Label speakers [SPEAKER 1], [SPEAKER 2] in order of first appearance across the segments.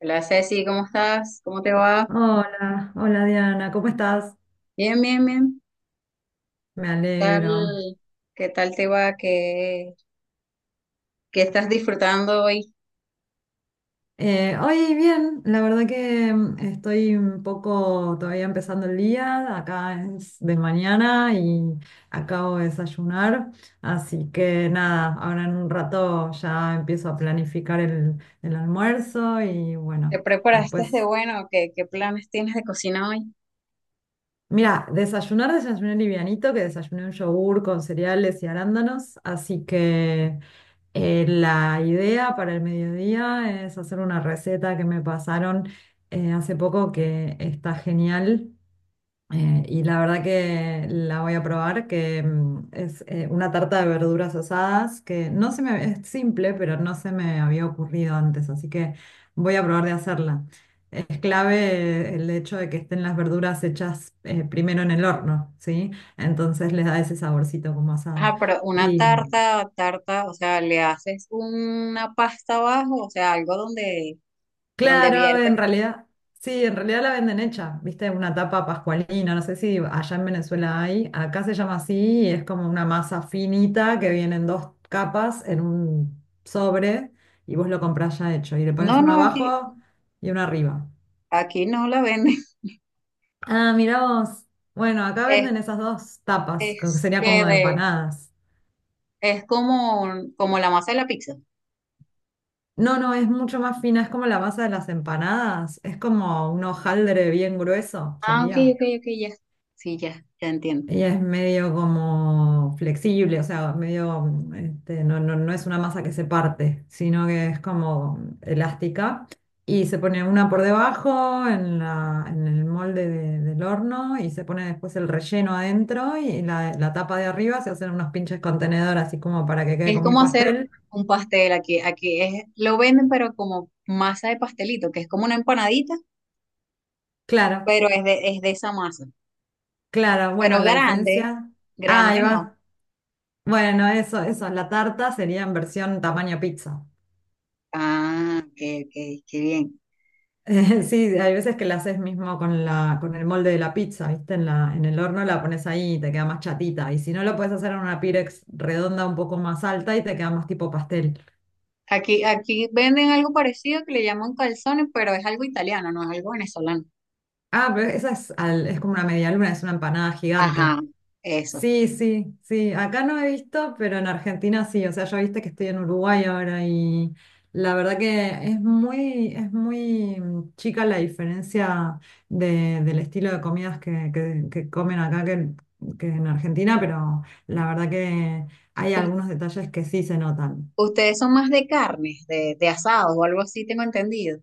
[SPEAKER 1] Hola Ceci, ¿cómo estás? ¿Cómo te va?
[SPEAKER 2] Hola, hola Diana, ¿cómo estás?
[SPEAKER 1] Bien, bien, bien.
[SPEAKER 2] Me
[SPEAKER 1] ¿Qué
[SPEAKER 2] alegro.
[SPEAKER 1] tal, qué tal te va? ¿Qué estás disfrutando hoy?
[SPEAKER 2] Hoy bien, la verdad que estoy un poco todavía empezando el día, acá es de mañana y acabo de desayunar, así que nada, ahora en un rato ya empiezo a planificar el almuerzo y
[SPEAKER 1] ¿Te
[SPEAKER 2] bueno,
[SPEAKER 1] preparaste de
[SPEAKER 2] después,
[SPEAKER 1] bueno? ¿Qué planes tienes de cocina hoy?
[SPEAKER 2] mira, desayuné livianito, que desayuné un yogur con cereales y arándanos, así que... La idea para el mediodía es hacer una receta que me pasaron hace poco que está genial, y la verdad que la voy a probar, que es una tarta de verduras asadas que no se me, es simple, pero no se me había ocurrido antes, así que voy a probar de hacerla. Es clave el hecho de que estén las verduras hechas primero en el horno, ¿sí? Entonces les da ese saborcito como asado.
[SPEAKER 1] Ajá, pero una
[SPEAKER 2] Y
[SPEAKER 1] tarta, tarta, o sea, le haces una pasta abajo, o sea, algo donde
[SPEAKER 2] Claro,
[SPEAKER 1] viertes.
[SPEAKER 2] en realidad, sí, en realidad la venden hecha, viste, una tapa pascualina, no sé si allá en Venezuela hay, acá se llama así y es como una masa finita que viene en dos capas en un sobre y vos lo comprás ya hecho y le pones
[SPEAKER 1] No,
[SPEAKER 2] uno
[SPEAKER 1] no, aquí,
[SPEAKER 2] abajo y uno arriba.
[SPEAKER 1] aquí no la venden.
[SPEAKER 2] Ah, mirá vos, bueno, acá
[SPEAKER 1] Es,
[SPEAKER 2] venden esas dos tapas, que
[SPEAKER 1] es
[SPEAKER 2] sería
[SPEAKER 1] que
[SPEAKER 2] como de
[SPEAKER 1] de,
[SPEAKER 2] empanadas.
[SPEAKER 1] es como la masa de la pizza.
[SPEAKER 2] No, no, es mucho más fina, es como la masa de las empanadas, es como un hojaldre bien grueso,
[SPEAKER 1] Ah, ok,
[SPEAKER 2] sería.
[SPEAKER 1] ok, ok, ya. Sí, ya, ya entiendo.
[SPEAKER 2] Ella es medio como flexible, o sea, medio, no, no, no es una masa que se parte, sino que es como elástica. Y se pone una por debajo en en el molde del horno y se pone después el relleno adentro y la tapa de arriba se hacen unos pinches contenedor así como para que quede
[SPEAKER 1] Es
[SPEAKER 2] como un
[SPEAKER 1] como hacer
[SPEAKER 2] pastel.
[SPEAKER 1] un pastel aquí. Aquí es, lo venden, pero como masa de pastelito, que es como una empanadita,
[SPEAKER 2] Claro,
[SPEAKER 1] pero es de esa masa.
[SPEAKER 2] claro, bueno,
[SPEAKER 1] Pero
[SPEAKER 2] la
[SPEAKER 1] grande,
[SPEAKER 2] diferencia. Ah,
[SPEAKER 1] grande
[SPEAKER 2] ahí
[SPEAKER 1] no.
[SPEAKER 2] va. Bueno, eso, la tarta sería en versión tamaño pizza.
[SPEAKER 1] Ah, ok, ok, qué bien.
[SPEAKER 2] Sí, hay veces que la haces mismo con con el molde de la pizza, ¿viste? En en el horno la pones ahí y te queda más chatita. Y si no, lo puedes hacer en una Pirex redonda un poco más alta y te queda más tipo pastel.
[SPEAKER 1] Aquí, aquí venden algo parecido que le llaman calzones, pero es algo italiano, no es algo venezolano.
[SPEAKER 2] Ah, pero es como una media luna, es una empanada gigante.
[SPEAKER 1] Ajá, eso.
[SPEAKER 2] Sí, sí, sí. Acá no he visto, pero en Argentina sí. O sea, yo viste que estoy en Uruguay ahora y la verdad que es muy, chica la diferencia del estilo de comidas que comen acá que en Argentina, pero la verdad que hay
[SPEAKER 1] U-
[SPEAKER 2] algunos detalles que sí se notan.
[SPEAKER 1] Ustedes son más de carnes, de asados o algo así, tengo entendido.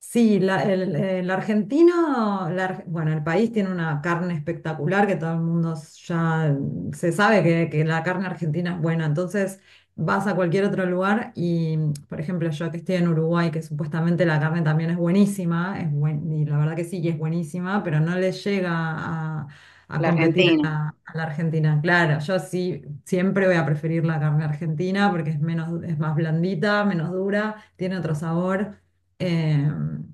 [SPEAKER 2] Sí, el argentino, bueno, el país tiene una carne espectacular que todo el mundo ya, se sabe que la carne argentina es buena. Entonces vas a cualquier otro lugar y, por ejemplo, yo que estoy en Uruguay, que supuestamente la carne también es buenísima, y la verdad que sí, que es buenísima, pero no le llega a,
[SPEAKER 1] La
[SPEAKER 2] competir
[SPEAKER 1] Argentina.
[SPEAKER 2] a a la Argentina. Claro, yo sí siempre voy a preferir la carne argentina porque es más blandita, menos dura, tiene otro sabor. Em,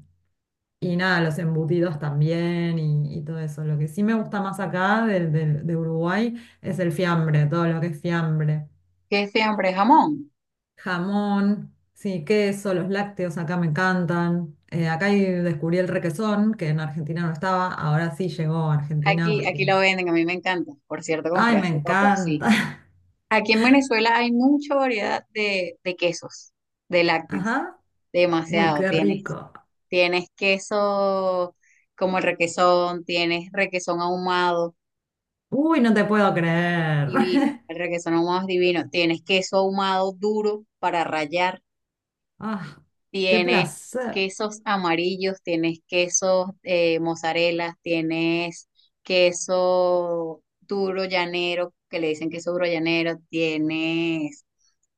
[SPEAKER 2] y nada, los embutidos también y todo eso. Lo que sí me gusta más acá de, Uruguay es el fiambre, todo lo que es fiambre.
[SPEAKER 1] Que es siempre jamón.
[SPEAKER 2] Jamón, sí, queso, los lácteos acá me encantan. Acá Ahí descubrí el requesón, que en Argentina no estaba, ahora sí llegó a Argentina
[SPEAKER 1] Aquí, aquí
[SPEAKER 2] porque...
[SPEAKER 1] lo venden, a mí me encanta. Por cierto,
[SPEAKER 2] ¡Ay,
[SPEAKER 1] compré
[SPEAKER 2] me
[SPEAKER 1] hace poco,
[SPEAKER 2] encanta!
[SPEAKER 1] sí. Aquí en Venezuela hay mucha variedad de quesos, de lácteos,
[SPEAKER 2] Ajá. Uy,
[SPEAKER 1] demasiado
[SPEAKER 2] qué
[SPEAKER 1] tienes.
[SPEAKER 2] rico.
[SPEAKER 1] Tienes queso como el requesón, tienes requesón ahumado
[SPEAKER 2] Uy, no te puedo creer.
[SPEAKER 1] divino, el requesón ahumado es divino, tienes queso ahumado duro para rallar,
[SPEAKER 2] Ah, qué
[SPEAKER 1] tienes
[SPEAKER 2] placer.
[SPEAKER 1] quesos amarillos, tienes quesos mozzarella, tienes queso duro llanero, que le dicen queso duro llanero, tienes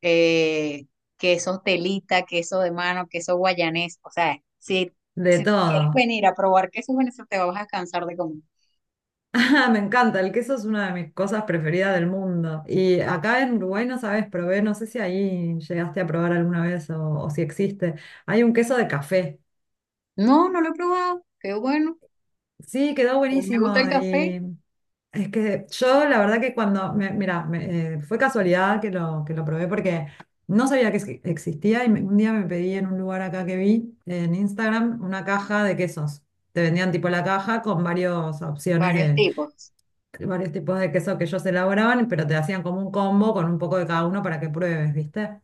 [SPEAKER 1] eh, quesos telita, queso de mano, queso guayanés. O sea, si
[SPEAKER 2] De
[SPEAKER 1] quieres
[SPEAKER 2] todo.
[SPEAKER 1] venir a probar quesos venezolanos, te vas a cansar de comer.
[SPEAKER 2] Ah, me encanta, el queso es una de mis cosas preferidas del mundo. Y acá en Uruguay, no sabes, probé, no sé si ahí llegaste a probar alguna vez o si existe. Hay un queso de café.
[SPEAKER 1] No, no lo he probado. Qué bueno.
[SPEAKER 2] Sí, quedó
[SPEAKER 1] A mí me gusta
[SPEAKER 2] buenísimo.
[SPEAKER 1] el café,
[SPEAKER 2] Y es que yo, la verdad que mira, fue casualidad que lo probé porque no sabía que existía y un día me pedí en un lugar acá que vi en Instagram una caja de quesos. Te vendían tipo la caja con varias opciones
[SPEAKER 1] varios tipos.
[SPEAKER 2] varios tipos de queso que ellos elaboraban, pero te hacían como un combo con un poco de cada uno para que pruebes, ¿viste?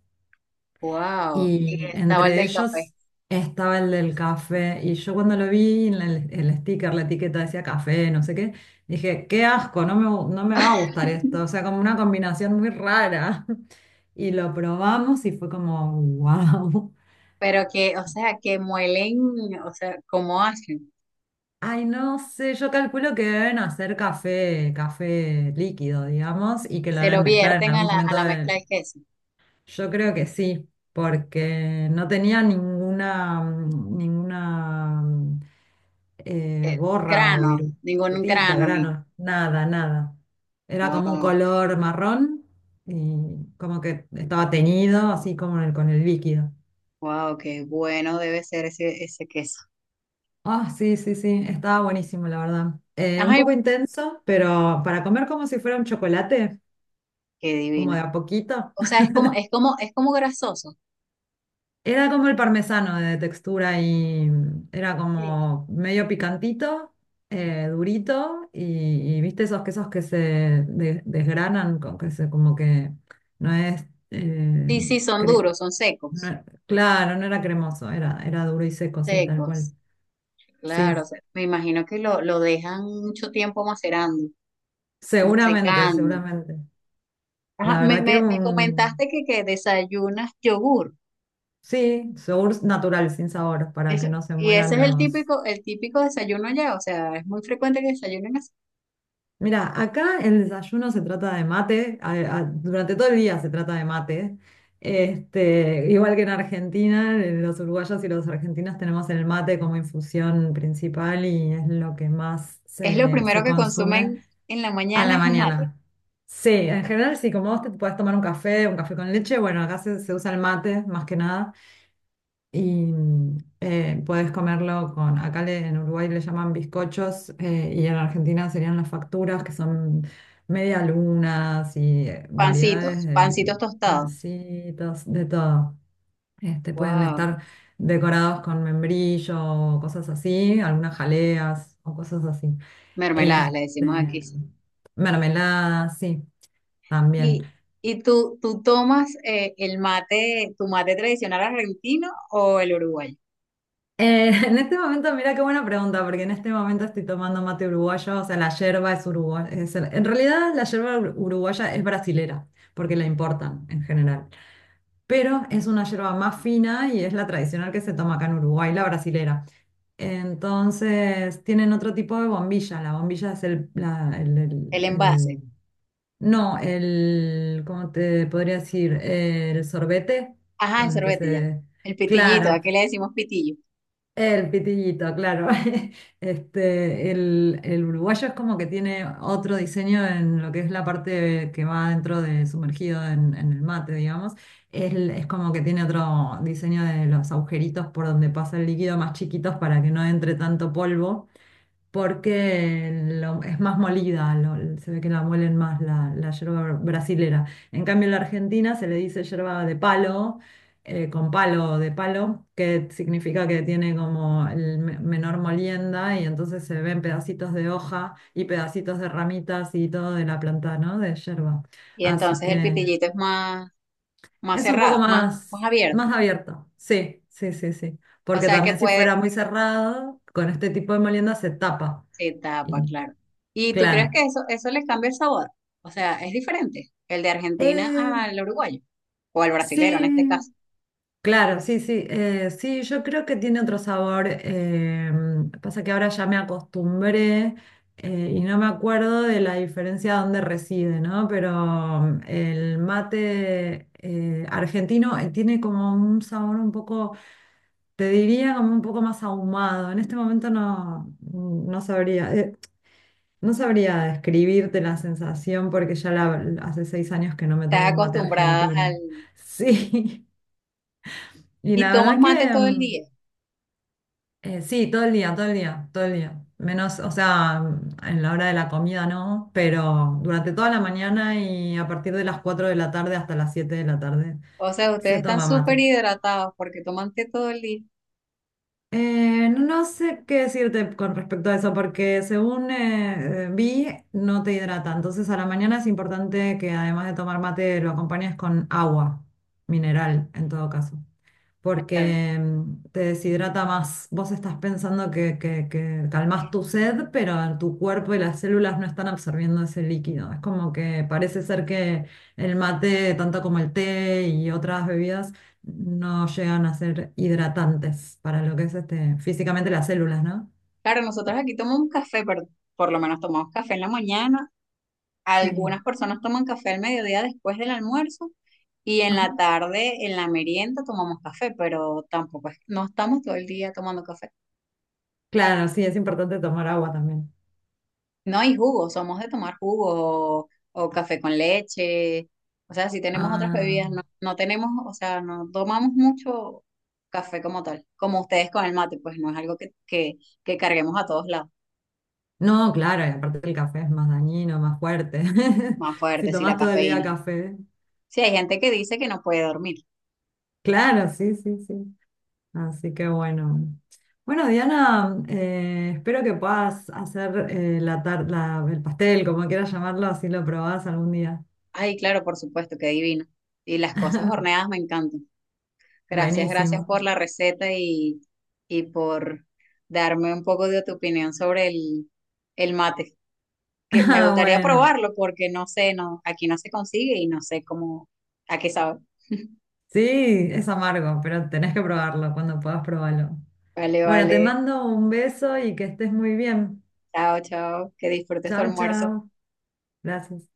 [SPEAKER 1] Wow. Y
[SPEAKER 2] Y
[SPEAKER 1] estaba el
[SPEAKER 2] entre
[SPEAKER 1] del café.
[SPEAKER 2] ellos estaba el del café. Y yo cuando lo vi en el sticker, la etiqueta decía café, no sé qué, dije, qué asco, no me va a gustar esto. O sea, como una combinación muy rara. Y lo probamos y fue como, wow.
[SPEAKER 1] Pero que, o sea, que muelen, o sea, ¿cómo hacen?
[SPEAKER 2] Ay, no sé, yo calculo que deben hacer café, café líquido, digamos, y que
[SPEAKER 1] Y
[SPEAKER 2] lo
[SPEAKER 1] se
[SPEAKER 2] deben
[SPEAKER 1] lo
[SPEAKER 2] mezclar en
[SPEAKER 1] vierten a
[SPEAKER 2] algún
[SPEAKER 1] a
[SPEAKER 2] momento
[SPEAKER 1] la mezcla
[SPEAKER 2] del-
[SPEAKER 1] de queso.
[SPEAKER 2] Yo creo que sí, porque no tenía ninguna
[SPEAKER 1] Eh,
[SPEAKER 2] borra o
[SPEAKER 1] grano, ningún
[SPEAKER 2] virutita,
[SPEAKER 1] grano, ni.
[SPEAKER 2] grano, nada, nada. Era como un
[SPEAKER 1] Wow,
[SPEAKER 2] color marrón y como que estaba teñido, así como en con el líquido.
[SPEAKER 1] wow, qué bueno debe ser ese, ese queso.
[SPEAKER 2] Ah, sí, sí, sí, estaba buenísimo, la verdad. Un
[SPEAKER 1] Ay,
[SPEAKER 2] poco intenso, pero para comer como si fuera un chocolate,
[SPEAKER 1] qué
[SPEAKER 2] como de
[SPEAKER 1] divino.
[SPEAKER 2] a poquito.
[SPEAKER 1] O sea, es es como grasoso.
[SPEAKER 2] Era como el parmesano de textura y, era
[SPEAKER 1] Sí.
[SPEAKER 2] como medio picantito, durito y viste esos quesos que se desgranan, que se, como que no es, eh,
[SPEAKER 1] Sí, sí, son
[SPEAKER 2] cre-
[SPEAKER 1] duros, son secos,
[SPEAKER 2] claro, no era cremoso, era duro y seco, sí, tal cual.
[SPEAKER 1] secos. Claro, o
[SPEAKER 2] Sí,
[SPEAKER 1] sea, me imagino que lo dejan mucho tiempo macerando,
[SPEAKER 2] seguramente,
[SPEAKER 1] secando.
[SPEAKER 2] seguramente.
[SPEAKER 1] Ajá,
[SPEAKER 2] La verdad que
[SPEAKER 1] me
[SPEAKER 2] un,
[SPEAKER 1] comentaste que desayunas yogur.
[SPEAKER 2] sí, yogur natural, sin sabor, para
[SPEAKER 1] Eso-
[SPEAKER 2] que no se
[SPEAKER 1] y ese
[SPEAKER 2] mueran
[SPEAKER 1] es
[SPEAKER 2] los...
[SPEAKER 1] el típico desayuno allá. O sea, es muy frecuente que desayunen así.
[SPEAKER 2] Mira, acá el desayuno se trata de mate, durante todo el día se trata de mate. Igual que en Argentina, los uruguayos y los argentinos tenemos el mate como infusión principal y es lo que más
[SPEAKER 1] Es lo
[SPEAKER 2] se,
[SPEAKER 1] primero
[SPEAKER 2] se
[SPEAKER 1] que
[SPEAKER 2] consume
[SPEAKER 1] consumen en la
[SPEAKER 2] a
[SPEAKER 1] mañana,
[SPEAKER 2] la
[SPEAKER 1] es un mate.
[SPEAKER 2] mañana. Sí, en general sí, como vos te podés tomar un café con leche, bueno, acá se usa el mate más que nada y, puedes comerlo con, en Uruguay le llaman bizcochos, y en Argentina serían las facturas que son media lunas y, variedades
[SPEAKER 1] Pancitos,
[SPEAKER 2] de
[SPEAKER 1] pancitos tostados.
[SPEAKER 2] pancitos, de todo. Pueden
[SPEAKER 1] Wow.
[SPEAKER 2] estar decorados con membrillo o cosas así, algunas jaleas o cosas así.
[SPEAKER 1] Mermeladas,
[SPEAKER 2] Este,
[SPEAKER 1] le decimos aquí.
[SPEAKER 2] Mermeladas, sí, también.
[SPEAKER 1] ¿Y, y tú, tú tomas el mate, tu mate tradicional argentino o el uruguayo?
[SPEAKER 2] En este momento, mira qué buena pregunta, porque en este momento estoy tomando mate uruguayo, o sea, la yerba es uruguaya. En realidad, la yerba uruguaya es brasilera, porque la importan en general. Pero es una yerba más fina y es la tradicional que se toma acá en Uruguay, la brasilera. Entonces, tienen otro tipo de bombilla. La bombilla es el,
[SPEAKER 1] El envase.
[SPEAKER 2] no, el, ¿cómo te podría decir? El sorbete
[SPEAKER 1] Ajá, el
[SPEAKER 2] con el que
[SPEAKER 1] sorbete ya.
[SPEAKER 2] se...
[SPEAKER 1] El pitillito,
[SPEAKER 2] Claro.
[SPEAKER 1] aquí le decimos pitillo.
[SPEAKER 2] El pitillito, claro. El uruguayo es como que tiene otro diseño en lo que es la parte que va dentro de sumergido en el mate, digamos. Es como que tiene otro diseño de los agujeritos por donde pasa el líquido más chiquitos para que no entre tanto polvo porque es más molida, se ve que la muelen más la yerba brasilera. En cambio, en la Argentina se le dice yerba de palo, con palo de palo, que significa que tiene como el menor molienda y entonces se ven pedacitos de hoja y pedacitos de ramitas y todo de la planta, ¿no? De yerba.
[SPEAKER 1] Y
[SPEAKER 2] Así
[SPEAKER 1] entonces el
[SPEAKER 2] que
[SPEAKER 1] pitillito es más
[SPEAKER 2] es un poco
[SPEAKER 1] cerrado, más
[SPEAKER 2] más,
[SPEAKER 1] abierto.
[SPEAKER 2] más abierto. Sí, sí, sí, sí.
[SPEAKER 1] O
[SPEAKER 2] Porque
[SPEAKER 1] sea que
[SPEAKER 2] también si
[SPEAKER 1] puede,
[SPEAKER 2] fuera muy cerrado, con este tipo de molienda se tapa.
[SPEAKER 1] se tapa, claro. ¿Y tú crees que
[SPEAKER 2] Claro.
[SPEAKER 1] eso le cambia el sabor? O sea, es diferente el de Argentina
[SPEAKER 2] Eh,
[SPEAKER 1] al uruguayo, o al brasilero en este caso.
[SPEAKER 2] sí, claro, sí, sí. Sí, yo creo que tiene otro sabor. Pasa que ahora ya me acostumbré, y no me acuerdo de la diferencia donde reside, ¿no? Pero el mate argentino, tiene como un sabor un poco, te diría como un poco más ahumado. En este momento no, no sabría. No sabría describirte la sensación porque hace 6 años que no me
[SPEAKER 1] Estás
[SPEAKER 2] tomo un mate
[SPEAKER 1] acostumbrada al...
[SPEAKER 2] argentino. Sí, y
[SPEAKER 1] ¿Y
[SPEAKER 2] la
[SPEAKER 1] tomas
[SPEAKER 2] verdad
[SPEAKER 1] mate
[SPEAKER 2] que
[SPEAKER 1] todo el día?
[SPEAKER 2] sí, todo el día, todo el día, todo el día. Menos, o sea, en la hora de la comida no, pero durante toda la mañana y a partir de las 4 de la tarde hasta las 7 de la tarde
[SPEAKER 1] O sea, ustedes
[SPEAKER 2] se
[SPEAKER 1] están
[SPEAKER 2] toma
[SPEAKER 1] súper
[SPEAKER 2] mate.
[SPEAKER 1] hidratados porque toman té todo el día.
[SPEAKER 2] No sé qué decirte con respecto a eso, porque según vi, no te hidrata. Entonces, a la mañana es importante que además de tomar mate, lo acompañes con agua mineral, en todo caso porque, te deshidrata más. Vos estás pensando que calmás tu sed, pero tu cuerpo y las células no están absorbiendo ese líquido. Es como que parece ser que el mate, tanto como el té y otras bebidas, no llegan a ser hidratantes para lo que es físicamente las células, ¿no?
[SPEAKER 1] Claro, nosotros aquí tomamos café, pero por lo menos tomamos café en la mañana.
[SPEAKER 2] Sí.
[SPEAKER 1] Algunas personas toman café al mediodía después del almuerzo y en
[SPEAKER 2] Ajá.
[SPEAKER 1] la tarde, en la merienda, tomamos café, pero tampoco es, no estamos todo el día tomando café.
[SPEAKER 2] Claro, sí, es importante tomar agua también.
[SPEAKER 1] No hay jugo, somos de tomar jugo o café con leche. O sea, si tenemos otras
[SPEAKER 2] Ah,
[SPEAKER 1] bebidas, no, no tenemos, o sea, no tomamos mucho café como tal, como ustedes con el mate, pues no es algo que carguemos a todos lados,
[SPEAKER 2] no, claro, y aparte el café es más dañino, más fuerte.
[SPEAKER 1] más
[SPEAKER 2] Si
[SPEAKER 1] fuerte, sí la
[SPEAKER 2] tomás todo el día
[SPEAKER 1] cafeína.
[SPEAKER 2] café.
[SPEAKER 1] Sí, hay gente que dice que no puede dormir.
[SPEAKER 2] Claro, sí, sí, sí. Así que bueno. Bueno, Diana, espero que puedas hacer el pastel, como quieras llamarlo, así lo probás algún día.
[SPEAKER 1] Ay, claro, por supuesto, qué divino. Y las cosas horneadas me encantan. Gracias
[SPEAKER 2] Buenísimo.
[SPEAKER 1] por la receta y por darme un poco de tu opinión sobre el mate. Que me
[SPEAKER 2] Ah,
[SPEAKER 1] gustaría
[SPEAKER 2] bueno.
[SPEAKER 1] probarlo porque no sé, no, aquí no se consigue y no sé cómo, a qué sabe.
[SPEAKER 2] Sí, es amargo, pero tenés que probarlo. Cuando puedas, probarlo.
[SPEAKER 1] Vale,
[SPEAKER 2] Bueno, te
[SPEAKER 1] vale.
[SPEAKER 2] mando un beso y que estés muy bien.
[SPEAKER 1] Chao, chao. Que disfrutes tu
[SPEAKER 2] Chao,
[SPEAKER 1] almuerzo.
[SPEAKER 2] chao. Gracias.